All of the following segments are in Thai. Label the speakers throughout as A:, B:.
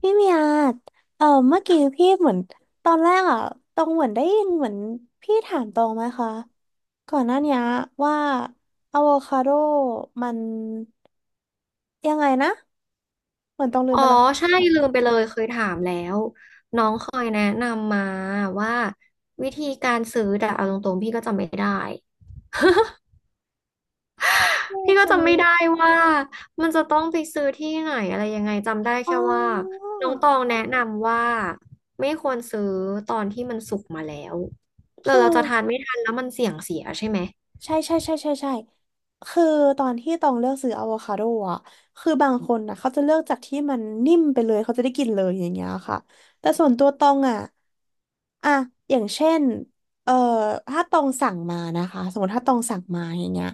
A: พี่เมียเออเมื่อกี้พี่เหมือนตอนแรกอ่ะตองเหมือนได้ยินเหมือนพี่ถามตองไหมคะก่อนหน้าเนี้ยว่าอะโวคาโดมันยังไงนะเหมือนตองลืม
B: อ๋อ
A: ไปแล้ว
B: ใช่ลืมไปเลยเคยถามแล้วน้องเคยแนะนำมาว่าวิธีการซื้อแต่เอาตรงๆพี่ก็จำไม่ได้
A: ไม่
B: พี่
A: เจ
B: ก็
A: อ
B: จำไม่ได้ว่ามันจะต้องไปซื้อที่ไหนอะไรยังไงจำได้
A: อ๋
B: แค่ว่า
A: อ
B: น้องตองแนะนำว่าไม่ควรซื้อตอนที่มันสุกมาแล้วแล้ว
A: คื
B: เราจะทาน
A: อ
B: ไม่ทันแล้วมันเสี่ยงเสียใช่ไหม
A: ใช่ใช่ใช่ใช่ใช่คือตอนที่ตองเลือกซื้ออะโวคาโดอะคือบางคนนะเขาจะเลือกจากที่มันนิ่มไปเลยเขาจะได้กินเลยอย่างเงี้ยค่ะแต่ส่วนตัวตองอะอะอย่างเช่นเอ่อถ้าตองสั่งมานะคะสมมติถ้าตองสั่งมาอย่างเงี้ย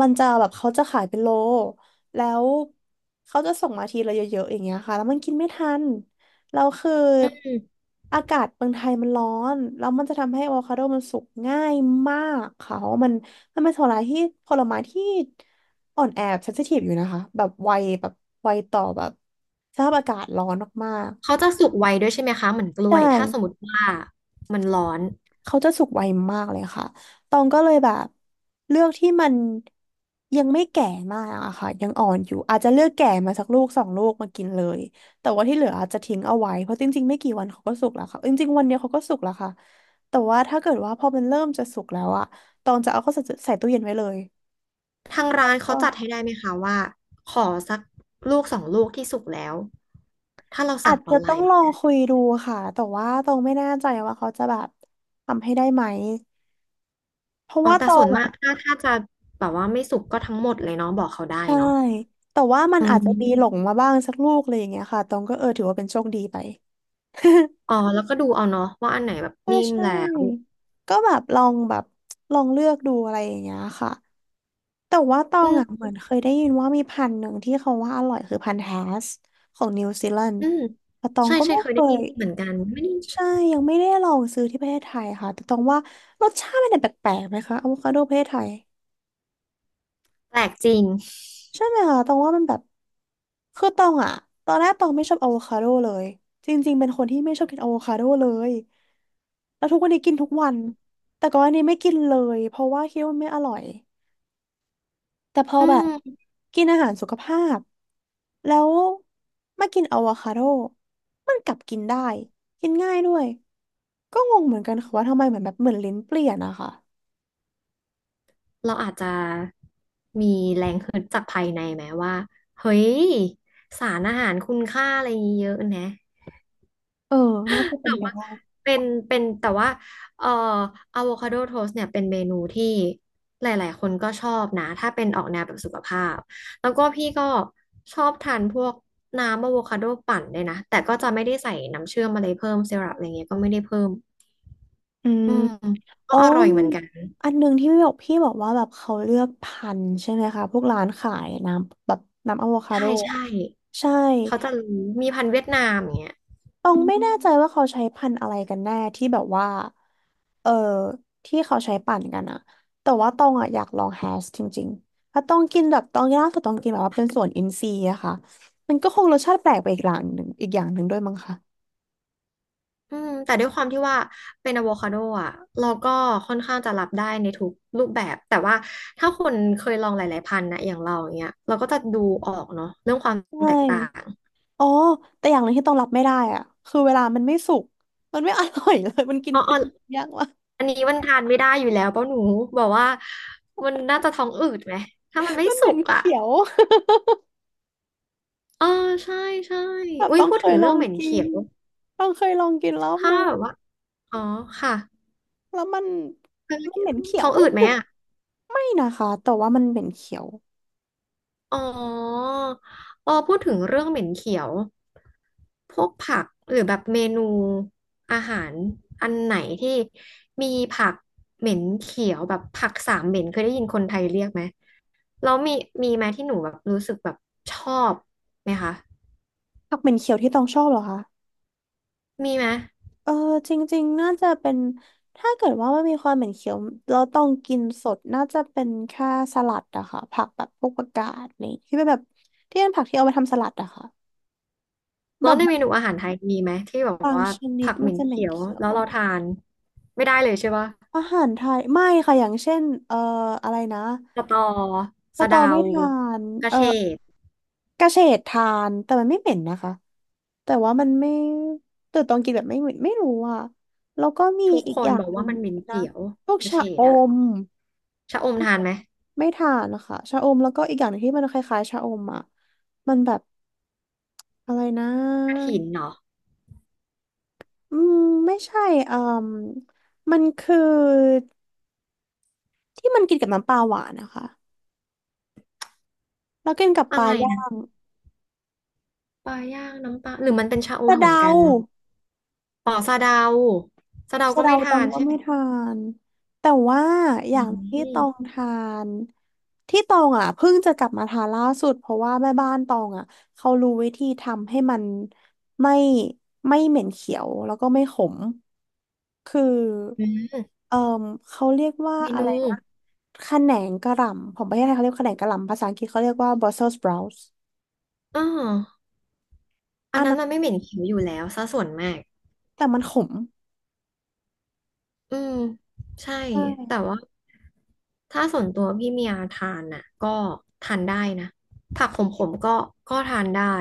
A: มันจะแบบเขาจะขายเป็นโลแล้วเขาจะส่งมาทีละเยอะๆอย่างเงี้ยค่ะแล้วมันกินไม่ทัน แล้วคือ
B: อืม
A: อากาศเมืองไทยมันร้อนแล้วมันจะทำให้อะโวคาโดมันสุกง่ายมากค่ะเพราะว่ามันเป็นผลไม้ที่ผลไม้ที่อ่อนแอเซนซิทีฟอยู่นะคะ แบบไวแบบไวต่อแบบสภาพอากาศร้อนมาก
B: เขาจะสุกไวด้วยใช่ไหมคะเหมือนก
A: ๆ
B: ล้ว
A: ใช่
B: ยถ้าสมมติว่ามันร้อน
A: เขาจะสุกไวมากเลยค่ะตองก็เลยแบบเลือกที่มันยังไม่แก่มากอะค่ะยังอ่อนอยู่อาจจะเลือกแก่มาสักลูกสองลูกมากินเลยแต่ว่าที่เหลืออาจจะทิ้งเอาไว้เพราะจริงๆไม่กี่วันเขาก็สุกแล้วค่ะจริงๆวันเดียวเขาก็สุกแล้วค่ะแต่ว่าถ้าเกิดว่าพอมันเริ่มจะสุกแล้วอะตองจะเอาเข้าใส่ตู้เย็นไว้เลย
B: ทางร้านเขา
A: ก็
B: จัดให้ได้ไหมคะว่าขอสักลูกสองลูกที่สุกแล้วถ้าเรา
A: อา
B: สั่ง
A: จ
B: อ
A: จะ
B: อนไล
A: ต้อง
B: น์
A: ลองคุยดูค่ะแต่ว่าตองไม่แน่ใจว่าเขาจะแบบทำให้ได้ไหมเพราะ
B: อ๋อ
A: ว่า
B: แต่
A: ตอ
B: ส่ว
A: ง
B: นมา
A: อะ
B: กถ้าจะแบบว่าไม่สุกก็ทั้งหมดเลยเนาะบอกเขาได้
A: ใช่
B: เนาะ
A: แต่ว่ามัน
B: อื
A: อาจจะมีหลง
B: ม
A: มาบ้างสักลูกอะไรอย่างเงี้ยค่ะตองก็เออถือว่าเป็นโชคดีไป
B: อ๋อแล้วก็ดูเอาเนาะว่าอันไหนแบบ
A: ใช่
B: นิ่ม
A: ใช่
B: แล้ว
A: ก็แบบลองแบบลองเลือกดูอะไรอย่างเงี้ยค่ะ แต่ว่าตอ
B: อื
A: งอ่ะเห
B: ม
A: มือนเคยได้ยินว่ามีพันธุ์หนึ่งที่เขาว่าอร่อยคือพันธุ์แฮสของนิวซีแลนด์
B: อืม
A: แต่ตอง
B: ใช่
A: ก็
B: ใช่
A: ไม่
B: เคย
A: เค
B: ได้ยิ
A: ย
B: นเหมือนกันไม่ได้
A: ใช่ยังไม่ได้ลองซื้อที่ประเทศไทยค่ะ แต่ตองว่ารสชาติมันเนี่ยแปลกๆไหมคะอะโวคาโดประเทศไทย
B: แปลกจริง
A: ใช่ไหมคะตองว่ามันแบบคือตองอะตอนแรกตองไม่ชอบอะโวคาโดเลยจริงๆเป็นคนที่ไม่ชอบกินอะโวคาโดเลยแล้วทุกวันนี้กินทุกวันแต่ก่อนอันนี้ไม่กินเลยเพราะว่าคิดว่ามันไม่อร่อยแต่พอ
B: อื
A: แบบ
B: ม
A: กินอาหารสุขภาพแล้วมากินอะโวคาโดมันกลับกินได้กินง่ายด้วยก็งงเหมือนกันค่ะว่าทำไมเหมือนแบบเหมือนลิ้นเปลี่ยนอะค่ะ
B: เราอาจจะมีแรงฮึดจากภายในไหมว่าเฮ้ยสารอาหารคุณค่าอะไรเยอะนะ
A: เออน่าจะเป็
B: แต่
A: นไป
B: ว่า
A: ได้
B: เป็นแต่ว่าเอ่ออะโวคาโดโทสเนี่ยเป็นเมนูที่หลายๆคนก็ชอบนะถ้าเป็นออกแนวแบบสุขภาพแล้วก็พี่ก็ชอบทานพวกน้ำอะโวคาโดปั่นเลยนะแต่ก็จะไม่ได้ใส่น้ำเชื่อมอะไรเพิ่มซีรัปอะไรเงี้ยก็ไม่ได้เพิ่ม
A: อืม
B: อืมก็
A: โอ้
B: อร่อยเห
A: มี
B: มือนกัน
A: อันหนึ่งที่พี่บอกพี่บอกว่าแบบเขาเลือกพันธุ์ใช่ไหมคะพวกร้านขายน้ำแบบน้ำอะโวคา
B: ใช่
A: โดอะ
B: ใช่
A: ใช่
B: เขาจะรู้มีพันธุ์เวียดนามอย่างเงี้ย
A: ตองไม่แน่ใจว่าเขาใช้พันธุ์อะไรกันแน่ที่แบบว่าเออที่เขาใช้ปั่นกันอะแต่ว่าตองอะอยากลองแฮชจริงๆถ้าต้องกินแบบตองล่าสุดตองกินแบบว่าเป็นส่วนอินทรีย์อะค่ะมันก็คงรสชาติแปลกไปอีกอย่างหนึ่งอีกอย่างหนึ่งด้วยมั้งคะ
B: อืมแต่ด้วยความที่ว่าเป็นอะโวคาโดอ่ะเราก็ค่อนข้างจะรับได้ในทุกรูปแบบแต่ว่าถ้าคนเคยลองหลายๆพันธุ์นะอย่างเราอย่างเงี้ยเราก็จะดูออกเนาะเรื่องความ
A: ใช่
B: แตกต่าง
A: อ๋อแต่อย่างหนึ่งที่ต้องรับไม่ได้อะคือเวลามันไม่สุกมันไม่อร่อย เลยมันกิน
B: อ๋ออ๋
A: เป็
B: อ
A: นยากว่ะ
B: อันนี้มันทานไม่ได้อยู่แล้วเป้าหนูบอกว่ามันน่าจะท้องอืดไหมถ้ามันไม่
A: มันเห
B: สุ
A: ม็น
B: กอ่ะ
A: เขียว
B: เออใช่ใช่
A: แบบ
B: อุ้ย
A: ต้อง
B: พูด
A: เค
B: ถึ
A: ย
B: ง
A: ล
B: เรื่
A: อ
B: อง
A: ง
B: เหม็น
A: กิ
B: เขี
A: น
B: ยว
A: ต้องเคยลองกินรอบ
B: ถ้า
A: นึง
B: แบบว่าอ๋อค่ะ
A: แล้วมันเหม็นเขีย
B: ท้อ
A: ว
B: งอืดไหมอ่ะ
A: ไม่นะคะแต่ว่ามันเหม็นเขียว
B: อ๋อเออพูดถึงเรื่องเหม็นเขียวพวกผักหรือแบบเมนูอาหารอันไหนที่มีผักเหม็นเขียวแบบผักสามเหม็นเคยได้ยินคนไทยเรียกไหมแล้วมีไหมที่หนูแบบรู้สึกแบบชอบไหมคะ
A: ผักเหม็นเขียวที่ต้องชอบเหรอคะ
B: มีไหม
A: เออจริงๆน่าจะเป็นถ้าเกิดว่ามันมีความเหม็นเขียวเราต้องกินสดน่าจะเป็นแค่สลัดอะค่ะผักแบบพวกผักกาดนี่ที่เป็นแบบที่เป็นผักที่เอาไปทำสลัดอะค่ะแบ
B: แล้ว
A: บ
B: ในเมนูอาหารไทยมีไหมที่แบบ
A: บาง
B: ว่า
A: ชนิด
B: ผักเห
A: มัน
B: ม็น
A: จะเหม็
B: เขี
A: น
B: ยว
A: เขียว
B: แล้
A: ห
B: ว
A: น่อ
B: เรา
A: ย
B: ทานไม่ได้เลยใช่ปะ
A: อาหารไทยไม่ค่ะอย่างเช่นอะไรนะ
B: สะตอ
A: ส
B: สะ
A: ตอ
B: เดา
A: ไม่ทาน
B: กระ
A: เอ่อ
B: เฉด
A: กระเฉดทานแต่มันไม่เหม็นนะคะแต่ว่ามันไม่แต่ตอนกินแบบไม่เหม็นไม่รู้อ่ะแล้วก็มี
B: ทุก
A: อีก
B: ค
A: อ
B: น
A: ย่าง
B: บอก
A: หนึ่
B: ว่า
A: ง
B: มันเหม็น
A: นะ
B: เขียว
A: พวก
B: กระเฉ
A: ชะอ
B: ดอะ
A: ม
B: ชะอมทานไหม
A: ไม่ทานนะคะชะอมแล้วก็อีกอย่างหนึงที่มันคล้ายๆชะอมอ่ะมันแบบอะไรนะ
B: กระถินเนาะ
A: อืมไม่ใช่อืมมันคือที่มันกินกับน้ำปลาหวานนะคะ แล้วกินกับป
B: อะ
A: ลา
B: ไร
A: ย่า
B: นะ
A: ง
B: ปลาย่างน้ำปลาหรือมันเป็นชะอม
A: สะ
B: เหมือน
A: เดา
B: กันอ๋อสะเดาสะเดา
A: สะ
B: ก็
A: เดา
B: ไม่
A: ต
B: ทา
A: อง
B: น
A: ก็
B: ใช่ไห
A: ไม่
B: ม
A: ทานแต่ว่าอ
B: อื
A: ย่างที่ตอง
B: ม
A: ทานที่ตองอ่ะเพิ่งจะกลับมาทานล่าสุดเพราะว่าแม่บ้านตองอ่ะเขารู้วิธีทำให้มันไม่ไม่เหม็นเขียวแล้วก็ไม่ขมคือ
B: อืม
A: เอ่อเขาเรียกว่า
B: เม
A: อะ
B: นู
A: ไรนะขนงกระหล่ำของประเทศไทยเขาเรียกขนงกระหล่ำภาษาอังกฤษเขาเรียกว่า Brussels sprouts
B: อ๋ออั
A: อั
B: น
A: น
B: นั้น
A: นั้น
B: มันไม่เหม็นเขียวอยู่แล้วซะส่วนมาก
A: แต่มันขม
B: อืมใช่
A: ใช
B: แต่
A: ่
B: ว่าถ้าส่วนตัวพี่เมียทานน่ะก็ทานได้นะผักขมๆก็ทานได้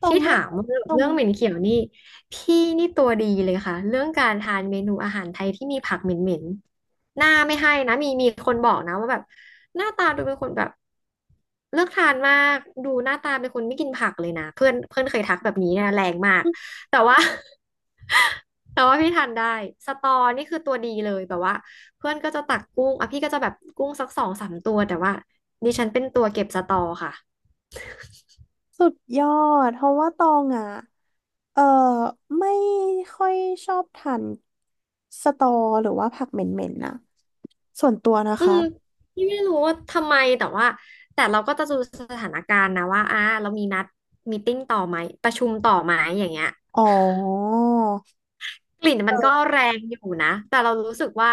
A: ตรง
B: ที่
A: ไม่
B: ถามว่าเรื
A: ตรง
B: ่องเหม็นเขียวนี่พี่นี่ตัวดีเลยค่ะเรื่องการทานเมนูอาหารไทยที่มีผักเหม็นๆหน้าไม่ให้นะมีคนบอกนะว่าแบบหน้าตาดูเป็นคนแบบเลือกทานมากดูหน้าตาเป็นคนไม่กินผักเลยนะเพื่อนเพื่อนเคยทักแบบนี้นะแรงมาก แต่ว่า แต่ว่าพี่ทานได้สตอนี่คือตัวดีเลยแบบว่าเพื่อนก็จะตักกุ้งอ่ะพี่ก็จะแบบกุ้งสักสองสามตัวแต่ว่าดิฉันเป็นตัวเก็บสตอค่ะ
A: สุดยอดเพราะว่าตองอ่ะเออไม่ค่อยชอบทานสตอหรือว่าผักเหม็นๆนะส่วนตัวนะ
B: อื
A: คะ
B: มพี่ไม่รู้ว่าทำไมแต่ว่าเราก็จะดูสถานการณ์นะว่าอ่ะเรามีนัดมีตติ้งต่อไหมประชุมต่อไหมอย่างเงี้ย
A: อ๋อ
B: กลิ่นมันก็
A: เออ
B: แรงอยู่นะแต่เรารู้สึกว่า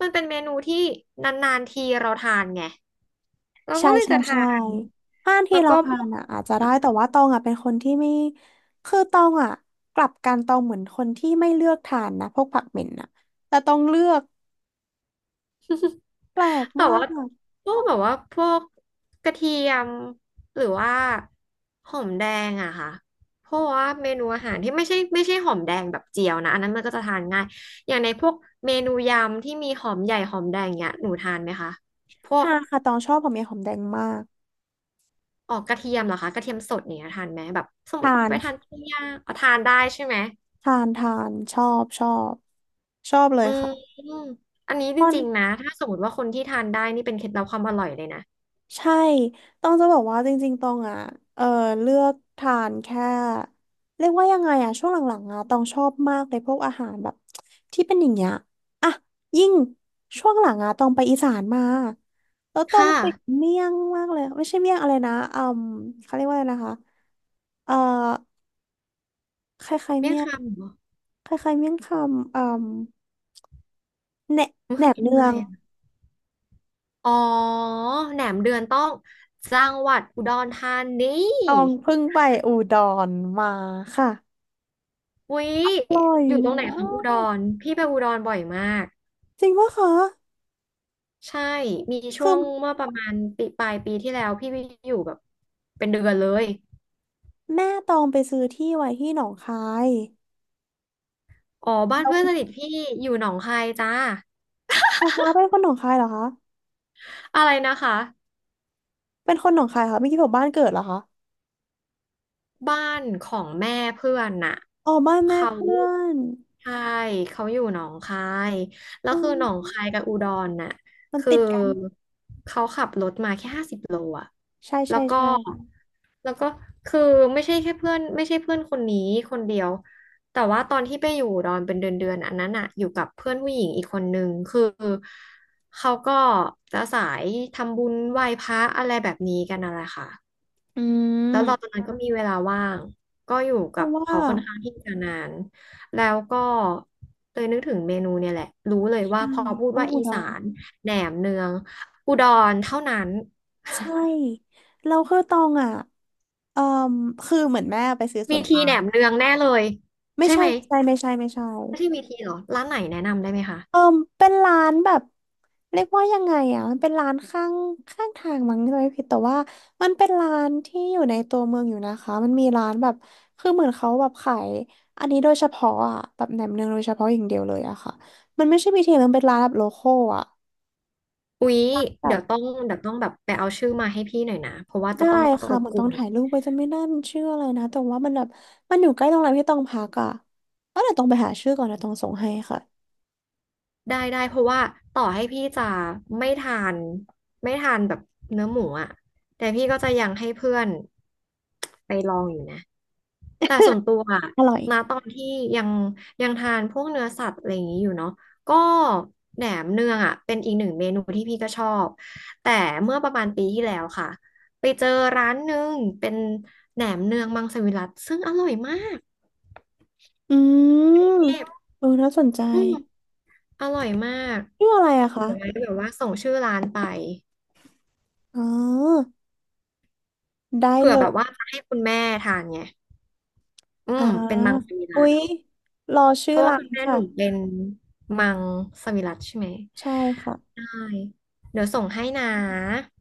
B: มันเป็นเมนูที่นานๆทีเราทานไงเรา
A: ใช่
B: ก็เลย
A: ใช่
B: จะทา
A: ใช่
B: น
A: ห้าน
B: แล้
A: ที่
B: ว
A: เรา
B: ก็พ
A: ทา
B: ว
A: น
B: ก
A: อ่ะอาจจะได้แต่ว่าตองอ่ะเป็นคนที่ไม่คือตองอ่ะกลับกันตองเหมือนคนที่ไม่เลือกทานนะพวกผักเหม็นอ่ะแต่ตองเลือกแปลก
B: แต่
A: มา
B: ว่า
A: ก
B: พวกแบบว่าพวกกระเทียมหรือว่าหอมแดงอะค่ะเพราะว่าเมนูอาหารที่ไม่ใช่หอมแดงแบบเจียวนะอันนั้นมันก็จะทานง่ายอย่างในพวกเมนูยำที่มีหอมใหญ่หอมแดงเนี้ยหนูทานไหมคะพวก
A: ทานค่ะตองชอบหอมแดงหอมแดงมาก
B: ออกกระเทียมเหรอคะกระเทียมสดเนี่ยทานไหมแบบสมม
A: ทา
B: ติ
A: น
B: ไปทานปิ้งย่างเอาทานได้ใช่ไหม
A: ทานทานชอบชอบชอบเลย
B: อื
A: ค่ะ
B: มอันนี้
A: ต
B: จ
A: อน
B: ริงๆนะถ้าสมมติว่าคนที่ทานได้นี่เป็นเคล็ดลับความอร่อยเลยนะ
A: ใช่ต้องจะบอกว่าจริงๆตองอ่ะเออเลือกทานแค่เรียกว่ายังไงอ่ะช่วงหลังๆอ่ะตองชอบมากเลยพวกอาหารแบบที่เป็นอย่างเงี้ยอ่ะยิ่งช่วงหลังอ่ะตองไปอีสานมาแล้วตอง
B: ค่ะ
A: ติดเมี่ยงมากเลยไม่ใช่เมี่ยงอะไรนะอืมเขาเรียกว่าอะไรนะคะเอ่อคล้ายๆ
B: เมี่ยง
A: เมี่ยง
B: คำเหรอ
A: คล้ายๆเมี่ยงคำอืมแหน
B: มัน
A: แหน
B: คือ
A: ม
B: เมนู
A: เนือ
B: อะไร
A: ง
B: อะ อ๋อแหนมเดือนต้องจังหวัดอุดรธานี
A: ตองเพิ่งไปอุดรมาค่ะ
B: วิ
A: อร่อย
B: อยู่ตรงไหน
A: มา
B: ของอุด
A: ก
B: รพี่ไปอุดรบ่อยมาก
A: จริงปะคะ
B: ใช่มีช่
A: คื
B: ว
A: อ
B: งเมื่อประมาณปีปลายปีที่แล้วพี่ไปอยู่แบบเป็นเดือนเลย
A: แม่ตองไปซื้อที่ไว้ที่หนองคาย
B: อ๋อบ้าน
A: แล้ว
B: เพื่อนสนิทพี่อยู่หนองคายจ้า
A: ป๊าป๊าเป็นคนหนองคายเหรอคะ
B: อะไรนะคะ
A: เป็นคนหนองคายค่ะไม่คิดว่าบ้านเกิดเหรอคะ
B: บ้านของแม่เพื่อนน่ะ
A: อ๋อบ้านแม่
B: เขา
A: เพื่อน
B: ใช่เขาอยู่หนองคายแล้ว
A: อื
B: คือหนอง
A: ม
B: คายกับอุดรน่ะ
A: มัน
B: คือ
A: ติดกัน
B: โลอะ
A: ใช่
B: แล้
A: ใช่
B: วก็
A: ใช่ค่ะ
B: แล้วก็คือไม่ใช่แค่เพื่อนไม่ใช่เพื่อนคนนี้คนเดียว แต่ว่าตอนที่ไปอยู่ดอนเป็นเดือนเดือนอันนั้นอะอยู่กับเพื่อนผู้หญิงอีกคนนึงคือเขาก็จะสายทำบุญไหว้พระอะไรแบบนี้กันอะไรค่ะ
A: อื
B: แล้วเราตอน
A: ม
B: นั้นก็มีเวลาว่างก็อยู่
A: เพ
B: กับ
A: ราะว่า
B: เขาค่อนข้างที่จะนานแล้วก็เลยนึกถึงเมนูเนี่ยแหละ รู้เลยว่า
A: ใช่
B: พอพูด
A: ต้อง
B: ว่า
A: อุ
B: อี
A: ด
B: สา
A: ร
B: นแหนมเนืองอุดรเท่านั้น
A: ใช่เราคือตองอ่ะเอ่อคือเหมือนแม่ไปซื้อส
B: มี
A: วน
B: ที
A: ปา
B: แหน
A: ล์ม
B: มเนืองแน่เลย
A: ไม่
B: ใช่
A: ใช่
B: ไหม
A: ไม่ใช่ไม่ใช่ไม่ใช่
B: ไม่ใช่มีทีเหรอร้านไหนแนะนำได้ไหมคะ
A: เออเป็นร้านแบบเรียกว่ายังไงอ่ะมันเป็นร้านข้างทางมั้งไม่ผิดแต่ว่ามันเป็นร้านที่อยู่ในตัวเมืองอยู่นะคะมันมีร้านแบบคือเหมือนเขาแบบขายอันนี้โดยเฉพาะอ่ะแบบแหนมเนืองโดยเฉพาะอย่างเดียวเลยอะค่ะมันไม่ใช่บีทีมันเป็นร้านแบบโลคอลอ่ะ
B: อุ๊ยเดี๋
A: แบบ
B: ยวต้องแบบไปเอาชื่อมาให้พี่หน่อยนะเพราะว่าจะ
A: ได้
B: ต้องร
A: ค่ะ
B: บ
A: เหมือน
B: ก
A: ต้อง
B: วน
A: ถ่ายรูปไปจะไม่แน่มันชื่ออะไรนะแต่ว่ามันแบบมันอยู่ใกล้โรงแรมที่ต้องพักอ่ะเออเดี๋ยวต้องไปหาชื่อก่อนนะต้องส่งให้ค่ะ
B: ได้ได้เพราะว่าต่อให้พี่จะไม่ทานแบบเนื้อหมูอะแต่พี่ก็จะยังให้เพื่อนไปลองอยู่นะ แต่ส่วนตัวอะ
A: อร่อย
B: ณตอนที่ยังทานพวกเนื้อสัตว์อะไรอย่างนี้อยู่เนาะก็แหนมเนืองอ่ะเป็นอีกหนึ่งเมนูที่พี่ก็ชอบแต่เมื่อประมาณปีที่แล้วค่ะไปเจอร้านหนึ่งเป็นแหนมเนืองมังสวิรัติซึ่งอร่อยมาก
A: อืม
B: เทพ
A: เออน่าสนใจ
B: อืมอร่อยมาก
A: ชื่ออะไรอะ
B: เดี๋
A: คะ
B: ยวไว้แบบว่าส่งชื่อร้านไป
A: อ๋อได้
B: เผื่อ
A: เล
B: แบบ
A: ย
B: ว่าจะให้คุณแม่ทานไงอื
A: อ่า
B: มเป็นมังสวิรั
A: อุ๊ย
B: ติ
A: รอ
B: เพ
A: ชื่อ
B: ราะว่า
A: ร้า
B: คุณ
A: น
B: แม่ห
A: ค่ะ
B: นูเป็นมังสวิรัติใช่ไหม
A: ใช่ค่ะ
B: ได้เดี๋ยวส่งให้นะ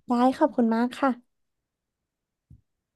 A: ได้ขอบคุณมากค่ะ